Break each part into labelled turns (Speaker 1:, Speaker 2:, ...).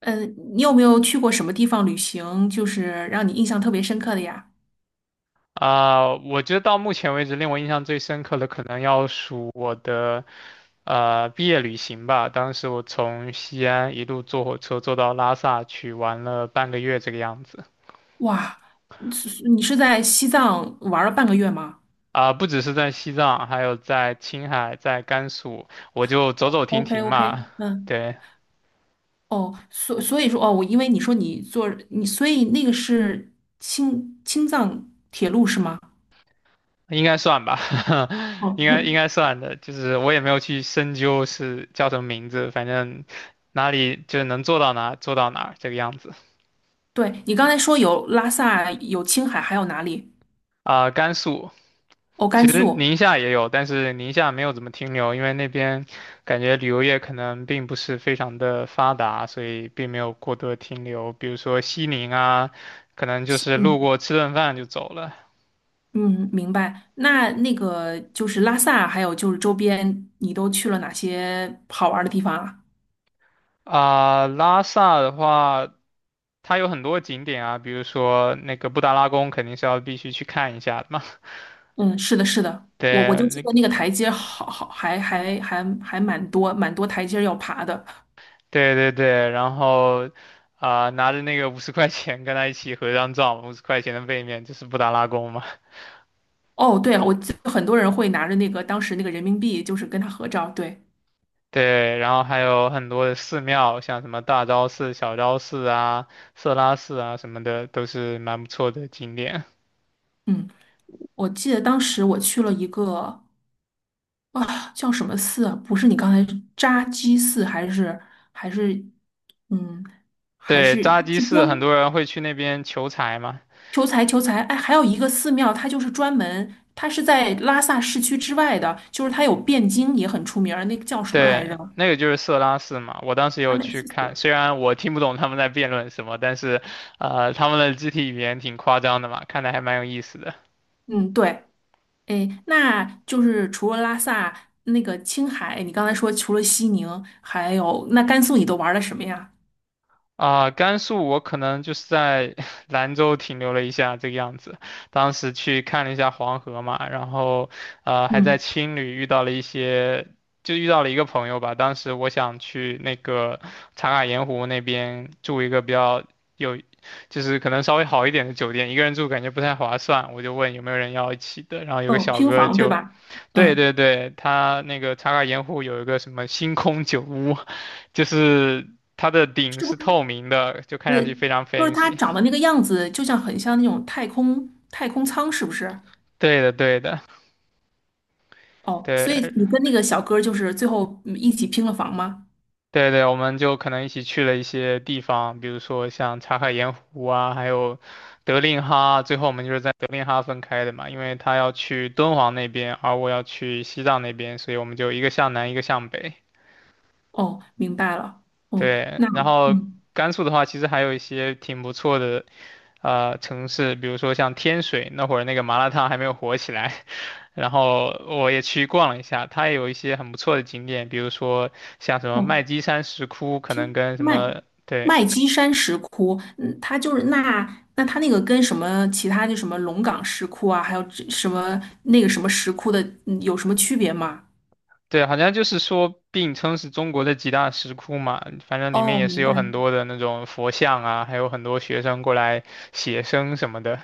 Speaker 1: 嗯，你有没有去过什么地方旅行，就是让你印象特别深刻的呀？
Speaker 2: 啊、我觉得到目前为止令我印象最深刻的可能要数我的毕业旅行吧。当时我从西安一路坐火车坐到拉萨去，玩了半个月这个样子。
Speaker 1: 哇，是在西藏玩了半个月吗
Speaker 2: 啊、不只是在西藏，还有在青海、在甘肃，我就走走停
Speaker 1: ？OK
Speaker 2: 停
Speaker 1: OK，
Speaker 2: 嘛。
Speaker 1: 嗯，
Speaker 2: 对，
Speaker 1: 哦，所以说哦，我因为你说你坐你，所以那个是青藏铁路是吗？
Speaker 2: 应该算吧，
Speaker 1: 哦，
Speaker 2: 应该算的。就是我也没有去深究是叫什么名字，反正哪里就是能做到哪做到哪这个样子。
Speaker 1: 对，你刚才说有拉萨，有青海，还有哪里？
Speaker 2: 啊、甘肃。
Speaker 1: 哦，甘
Speaker 2: 其实
Speaker 1: 肃。
Speaker 2: 宁夏也有，但是宁夏没有怎么停留，因为那边感觉旅游业可能并不是非常的发达，所以并没有过多的停留。比如说西宁啊，可能就是路
Speaker 1: 嗯
Speaker 2: 过吃顿饭就走了。
Speaker 1: 嗯，明白。那个就是拉萨，还有就是周边，你都去了哪些好玩的地方啊？
Speaker 2: 啊、拉萨的话，它有很多景点啊，比如说那个布达拉宫肯定是要必须去看一下的嘛。
Speaker 1: 嗯，是的，是的，我
Speaker 2: 对，
Speaker 1: 就记
Speaker 2: 那
Speaker 1: 得那个台阶好还蛮多台阶要爬的。
Speaker 2: 对，然后啊、拿着那个五十块钱跟他一起合张照，五十块钱的背面就是布达拉宫嘛。
Speaker 1: 哦，对了，我记得很多人会拿着那个当时那个人民币，就是跟他合照。对，
Speaker 2: 对，然后还有很多的寺庙，像什么大昭寺、小昭寺啊、色拉寺啊什么的，都是蛮不错的景点。
Speaker 1: 嗯，我记得当时我去了一个叫什么寺啊？不是你刚才扎基寺还是还是嗯还
Speaker 2: 对，
Speaker 1: 是
Speaker 2: 扎基
Speaker 1: 是
Speaker 2: 寺很多人会去那边求财嘛，
Speaker 1: 求财？哎，还有一个寺庙，它就是专门它是在拉萨市区之外的，就是它有汴京也很出名儿，那个叫什么来着？
Speaker 2: 对，那个就是色拉寺嘛。我当时
Speaker 1: 阿
Speaker 2: 有
Speaker 1: 美
Speaker 2: 去
Speaker 1: 四四。
Speaker 2: 看，虽然我听不懂他们在辩论什么，但是，他们的肢体语言挺夸张的嘛，看的还蛮有意思的。
Speaker 1: 嗯，对，哎，那就是除了拉萨，那个青海，你刚才说除了西宁，还有那甘肃，你都玩了什么呀？
Speaker 2: 啊、甘肃我可能就是在 兰州停留了一下这个样子，当时去看了一下黄河嘛，然后还在
Speaker 1: 嗯，
Speaker 2: 青旅遇到了一些，就遇到了一个朋友吧。当时我想去那个茶卡盐湖那边住一个比较有，就是可能稍微好一点的酒店，一个人住感觉不太划算，我就问有没有人要一起的，然后有个
Speaker 1: 哦，
Speaker 2: 小
Speaker 1: 拼
Speaker 2: 哥
Speaker 1: 房对
Speaker 2: 就，
Speaker 1: 吧？
Speaker 2: 对
Speaker 1: 嗯，
Speaker 2: 对对，他那个茶卡盐湖有一个什么星空酒屋。就是它的顶
Speaker 1: 是不
Speaker 2: 是透
Speaker 1: 是？
Speaker 2: 明的，就看上
Speaker 1: 呃，
Speaker 2: 去非常
Speaker 1: 就是它
Speaker 2: fancy。
Speaker 1: 长的那个样子，就像很像那种太空舱，是不是？
Speaker 2: 对的，对的，
Speaker 1: 哦，所以
Speaker 2: 对，
Speaker 1: 你跟那个小哥儿就是最后一起拼了房吗？
Speaker 2: 对对，我们就可能一起去了一些地方，比如说像茶卡盐湖啊，还有德令哈。最后我们就是在德令哈分开的嘛，因为他要去敦煌那边，而我要去西藏那边，所以我们就一个向南，一个向北。
Speaker 1: 哦，明白了。哦，
Speaker 2: 对，
Speaker 1: 那
Speaker 2: 然后
Speaker 1: 嗯，
Speaker 2: 甘肃的话，其实还有一些挺不错的城市，比如说像天水那会儿那个麻辣烫还没有火起来，然后我也去逛了一下，它也有一些很不错的景点，比如说像什么
Speaker 1: 哦，
Speaker 2: 麦积山石窟，可能跟什
Speaker 1: 麦
Speaker 2: 么对
Speaker 1: 麦积山石窟，嗯，它就是那那它那个跟什么其他就什么龙岗石窟啊，还有这什么那个什么石窟的，嗯有什么区别吗？
Speaker 2: 对，好像就是说并称是中国的几大石窟嘛，反正里面
Speaker 1: 哦，
Speaker 2: 也是
Speaker 1: 明
Speaker 2: 有
Speaker 1: 白，
Speaker 2: 很多的那种佛像啊，还有很多学生过来写生什么的。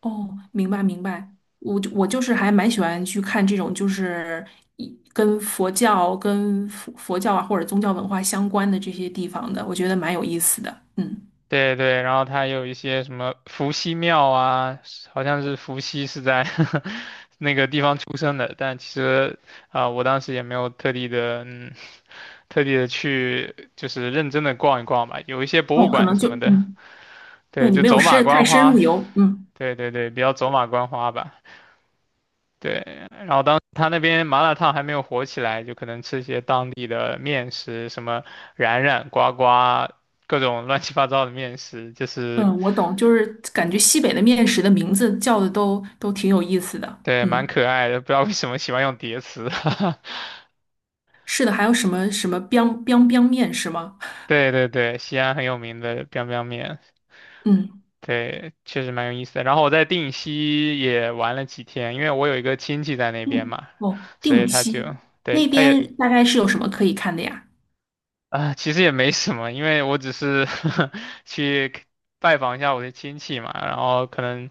Speaker 1: 哦，明白明白。我就是还蛮喜欢去看这种，就是跟佛教、跟佛教啊或者宗教文化相关的这些地方的，我觉得蛮有意思的。嗯，
Speaker 2: 对对，然后它有一些什么伏羲庙啊，好像是伏羲是在 那个地方出生的，但其实啊、我当时也没有特地的，嗯，特地的去就是认真的逛一逛吧，有一些博物
Speaker 1: 哦，可
Speaker 2: 馆
Speaker 1: 能
Speaker 2: 什
Speaker 1: 就
Speaker 2: 么的，
Speaker 1: 嗯，对
Speaker 2: 对，
Speaker 1: 你
Speaker 2: 就
Speaker 1: 没有
Speaker 2: 走马
Speaker 1: 太
Speaker 2: 观
Speaker 1: 深入
Speaker 2: 花，
Speaker 1: 游，嗯。
Speaker 2: 对，比较走马观花吧，对，然后当时他那边麻辣烫还没有火起来，就可能吃一些当地的面食，什么冉冉呱呱。各种乱七八糟的面食，就是
Speaker 1: 嗯，我懂，就是感觉西北的面食的名字叫的都挺有意思的。
Speaker 2: 对，蛮
Speaker 1: 嗯，
Speaker 2: 可爱的，不知道为什么喜欢用叠词。
Speaker 1: 是的，还有什么 biang biang biang 面是吗？
Speaker 2: 对，西安很有名的 biang biang 面，
Speaker 1: 嗯，
Speaker 2: 对，确实蛮有意思的。然后我在定西也玩了几天，因为我有一个亲戚在那边
Speaker 1: 嗯，
Speaker 2: 嘛，
Speaker 1: 哦，
Speaker 2: 所以
Speaker 1: 定
Speaker 2: 他就，
Speaker 1: 西
Speaker 2: 对，
Speaker 1: 那
Speaker 2: 他也
Speaker 1: 边大概是有什么可以看的呀？
Speaker 2: 啊，其实也没什么，因为我只是 去拜访一下我的亲戚嘛，然后可能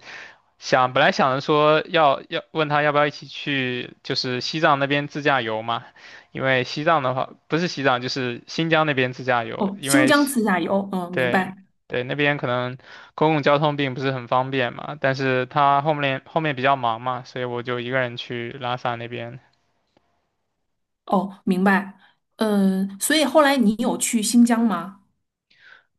Speaker 2: 本来想着说要问他要不要一起去，就是西藏那边自驾游嘛，因为西藏的话不是西藏就是新疆那边自驾游，
Speaker 1: 哦，
Speaker 2: 因
Speaker 1: 新
Speaker 2: 为
Speaker 1: 疆
Speaker 2: 西
Speaker 1: 自驾游，嗯，明
Speaker 2: 对
Speaker 1: 白。
Speaker 2: 对那边可能公共交通并不是很方便嘛，但是他后面比较忙嘛，所以我就一个人去拉萨那边。
Speaker 1: 哦，明白。嗯，所以后来你有去新疆吗？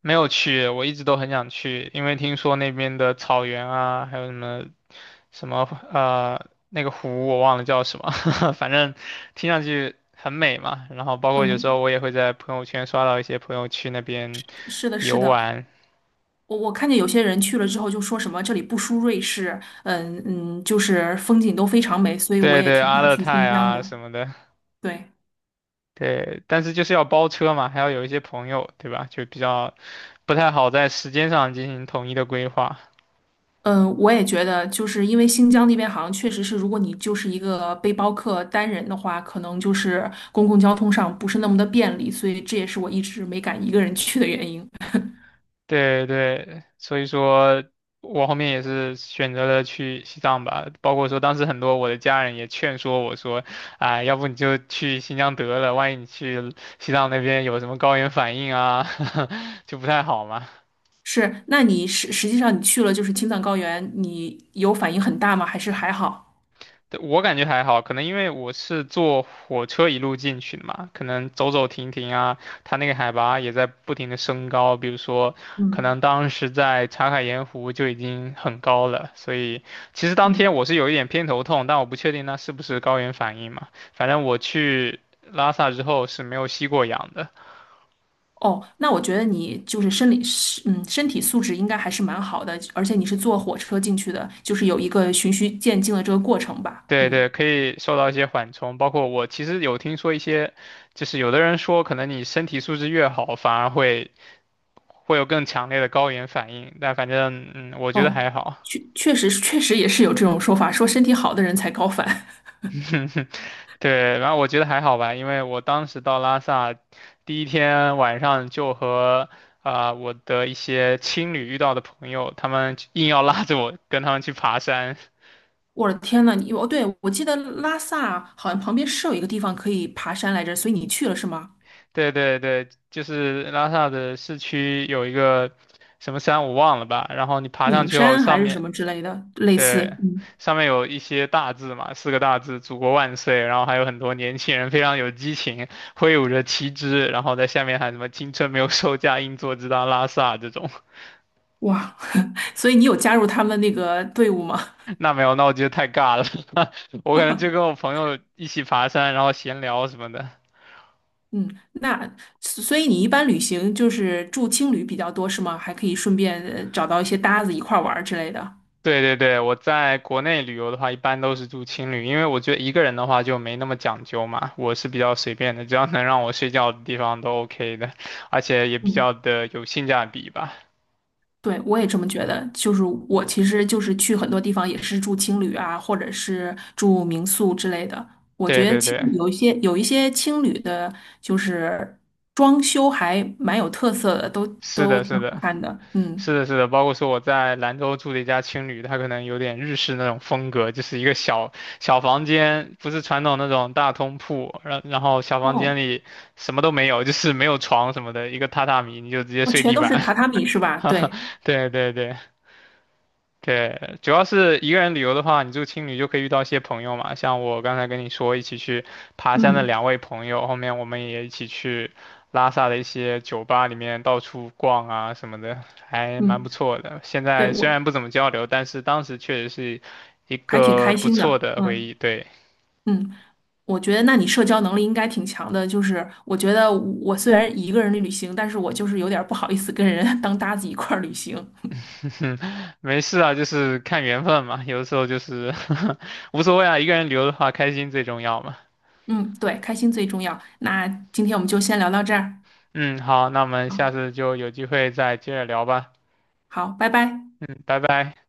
Speaker 2: 没有去，我一直都很想去，因为听说那边的草原啊，还有什么那个湖，我忘了叫什么，反正听上去很美嘛。然后包括有时
Speaker 1: 嗯，
Speaker 2: 候我也会在朋友圈刷到一些朋友去那边
Speaker 1: 是的，是
Speaker 2: 游
Speaker 1: 的。
Speaker 2: 玩，
Speaker 1: 我看见有些人去了之后就说什么这里不输瑞士，嗯嗯，就是风景都非常美，所以我
Speaker 2: 对
Speaker 1: 也
Speaker 2: 对，
Speaker 1: 挺
Speaker 2: 阿
Speaker 1: 想
Speaker 2: 勒
Speaker 1: 去
Speaker 2: 泰
Speaker 1: 新疆的。
Speaker 2: 啊什么的，
Speaker 1: 对。
Speaker 2: 对，但是就是要包车嘛，还要有一些朋友，对吧？就比较不太好在时间上进行统一的规划。
Speaker 1: 嗯，我也觉得，就是因为新疆那边好像确实是，如果你就是一个背包客单人的话，可能就是公共交通上不是那么的便利，所以这也是我一直没敢一个人去的原因。
Speaker 2: 对对，所以说我后面也是选择了去西藏吧，包括说当时很多我的家人也劝说我说，啊、要不你就去新疆得了，万一你去西藏那边有什么高原反应啊，就不太好嘛。
Speaker 1: 是，那你实际上你去了就是青藏高原，你有反应很大吗？还是还好？
Speaker 2: 对我感觉还好，可能因为我是坐火车一路进去的嘛，可能走走停停啊，它那个海拔也在不停的升高。比如说，可
Speaker 1: 嗯
Speaker 2: 能当时在茶卡盐湖就已经很高了，所以其实当天
Speaker 1: 嗯。
Speaker 2: 我是有一点偏头痛，但我不确定那是不是高原反应嘛。反正我去拉萨之后是没有吸过氧的。
Speaker 1: 哦，那我觉得你就是生理，是嗯，身体素质应该还是蛮好的，而且你是坐火车进去的，就是有一个循序渐进的这个过程吧。
Speaker 2: 对
Speaker 1: 嗯。
Speaker 2: 对，可以受到一些缓冲，包括我其实有听说一些，就是有的人说，可能你身体素质越好，反而会有更强烈的高原反应，但反正嗯，我觉得
Speaker 1: 哦，
Speaker 2: 还好。
Speaker 1: 确实也是有这种说法，说身体好的人才高反。
Speaker 2: 对，然后我觉得还好吧，因为我当时到拉萨第一天晚上就和啊、我的一些青旅遇到的朋友，他们硬要拉着我跟他们去爬山。
Speaker 1: 我的天呐，对，我记得拉萨好像旁边是有一个地方可以爬山来着，所以你去了是吗？
Speaker 2: 对，就是拉萨的市区有一个什么山我忘了吧，然后你爬上
Speaker 1: 顶
Speaker 2: 去后，
Speaker 1: 山还
Speaker 2: 上
Speaker 1: 是什
Speaker 2: 面
Speaker 1: 么之类的，类似，
Speaker 2: 对，
Speaker 1: 嗯，
Speaker 2: 上面有一些大字嘛，四个大字“祖国万岁”，然后还有很多年轻人非常有激情，挥舞着旗帜，然后在下面喊什么“青春没有售价，硬座直达拉萨”这种。
Speaker 1: 哇，所以你有加入他们那个队伍吗？
Speaker 2: 那没有，那我觉得太尬了。我可能就跟我朋友一起爬山，然后闲聊什么的。
Speaker 1: 嗯，那所以你一般旅行就是住青旅比较多是吗？还可以顺便找到一些搭子一块儿玩儿之类的。
Speaker 2: 对，我在国内旅游的话，一般都是住青旅，因为我觉得一个人的话就没那么讲究嘛，我是比较随便的，只要能让我睡觉的地方都 OK 的，而且也比
Speaker 1: 嗯。
Speaker 2: 较的有性价比吧。
Speaker 1: 对，我也这么觉得。就是我其实就是去很多地方也是住青旅啊，或者是住民宿之类的。我
Speaker 2: 对
Speaker 1: 觉得
Speaker 2: 对
Speaker 1: 青
Speaker 2: 对。
Speaker 1: 有一些青旅的，就是装修还蛮有特色的，
Speaker 2: 是
Speaker 1: 都
Speaker 2: 的，
Speaker 1: 挺
Speaker 2: 是
Speaker 1: 好
Speaker 2: 的，
Speaker 1: 看的。
Speaker 2: 是
Speaker 1: 嗯，
Speaker 2: 的，是的，包括说我在兰州住的一家青旅，它可能有点日式那种风格，就是一个小小房间，不是传统那种大通铺，然后小房间
Speaker 1: 哦，
Speaker 2: 里什么都没有，就是没有床什么的，一个榻榻米，你就直接
Speaker 1: 哦，
Speaker 2: 睡
Speaker 1: 全
Speaker 2: 地
Speaker 1: 都是
Speaker 2: 板。
Speaker 1: 榻榻米是吧？对，
Speaker 2: 对。对，主要是一个人旅游的话，你住青旅就可以遇到一些朋友嘛，像我刚才跟你说一起去爬山的
Speaker 1: 嗯
Speaker 2: 两位朋友，后面我们也一起去拉萨的一些酒吧里面到处逛啊什么的，还蛮不
Speaker 1: 嗯，
Speaker 2: 错的。现
Speaker 1: 对，
Speaker 2: 在虽
Speaker 1: 我
Speaker 2: 然不怎么交流，但是当时确实是一
Speaker 1: 还挺
Speaker 2: 个
Speaker 1: 开
Speaker 2: 不
Speaker 1: 心
Speaker 2: 错
Speaker 1: 的。
Speaker 2: 的回
Speaker 1: 嗯
Speaker 2: 忆。对，
Speaker 1: 嗯，我觉得那你社交能力应该挺强的。就是我觉得我虽然一个人旅行，但是我就是有点儿不好意思跟人 当搭子一块儿旅行。
Speaker 2: 没事啊，就是看缘分嘛，有的时候就是 无所谓啊，一个人旅游的话，开心最重要嘛。
Speaker 1: 嗯，对，开心最重要。那今天我们就先聊到这儿。
Speaker 2: 嗯，好，那我们
Speaker 1: 好，
Speaker 2: 下次就有机会再接着聊吧。
Speaker 1: 好，拜拜。
Speaker 2: 嗯，拜拜。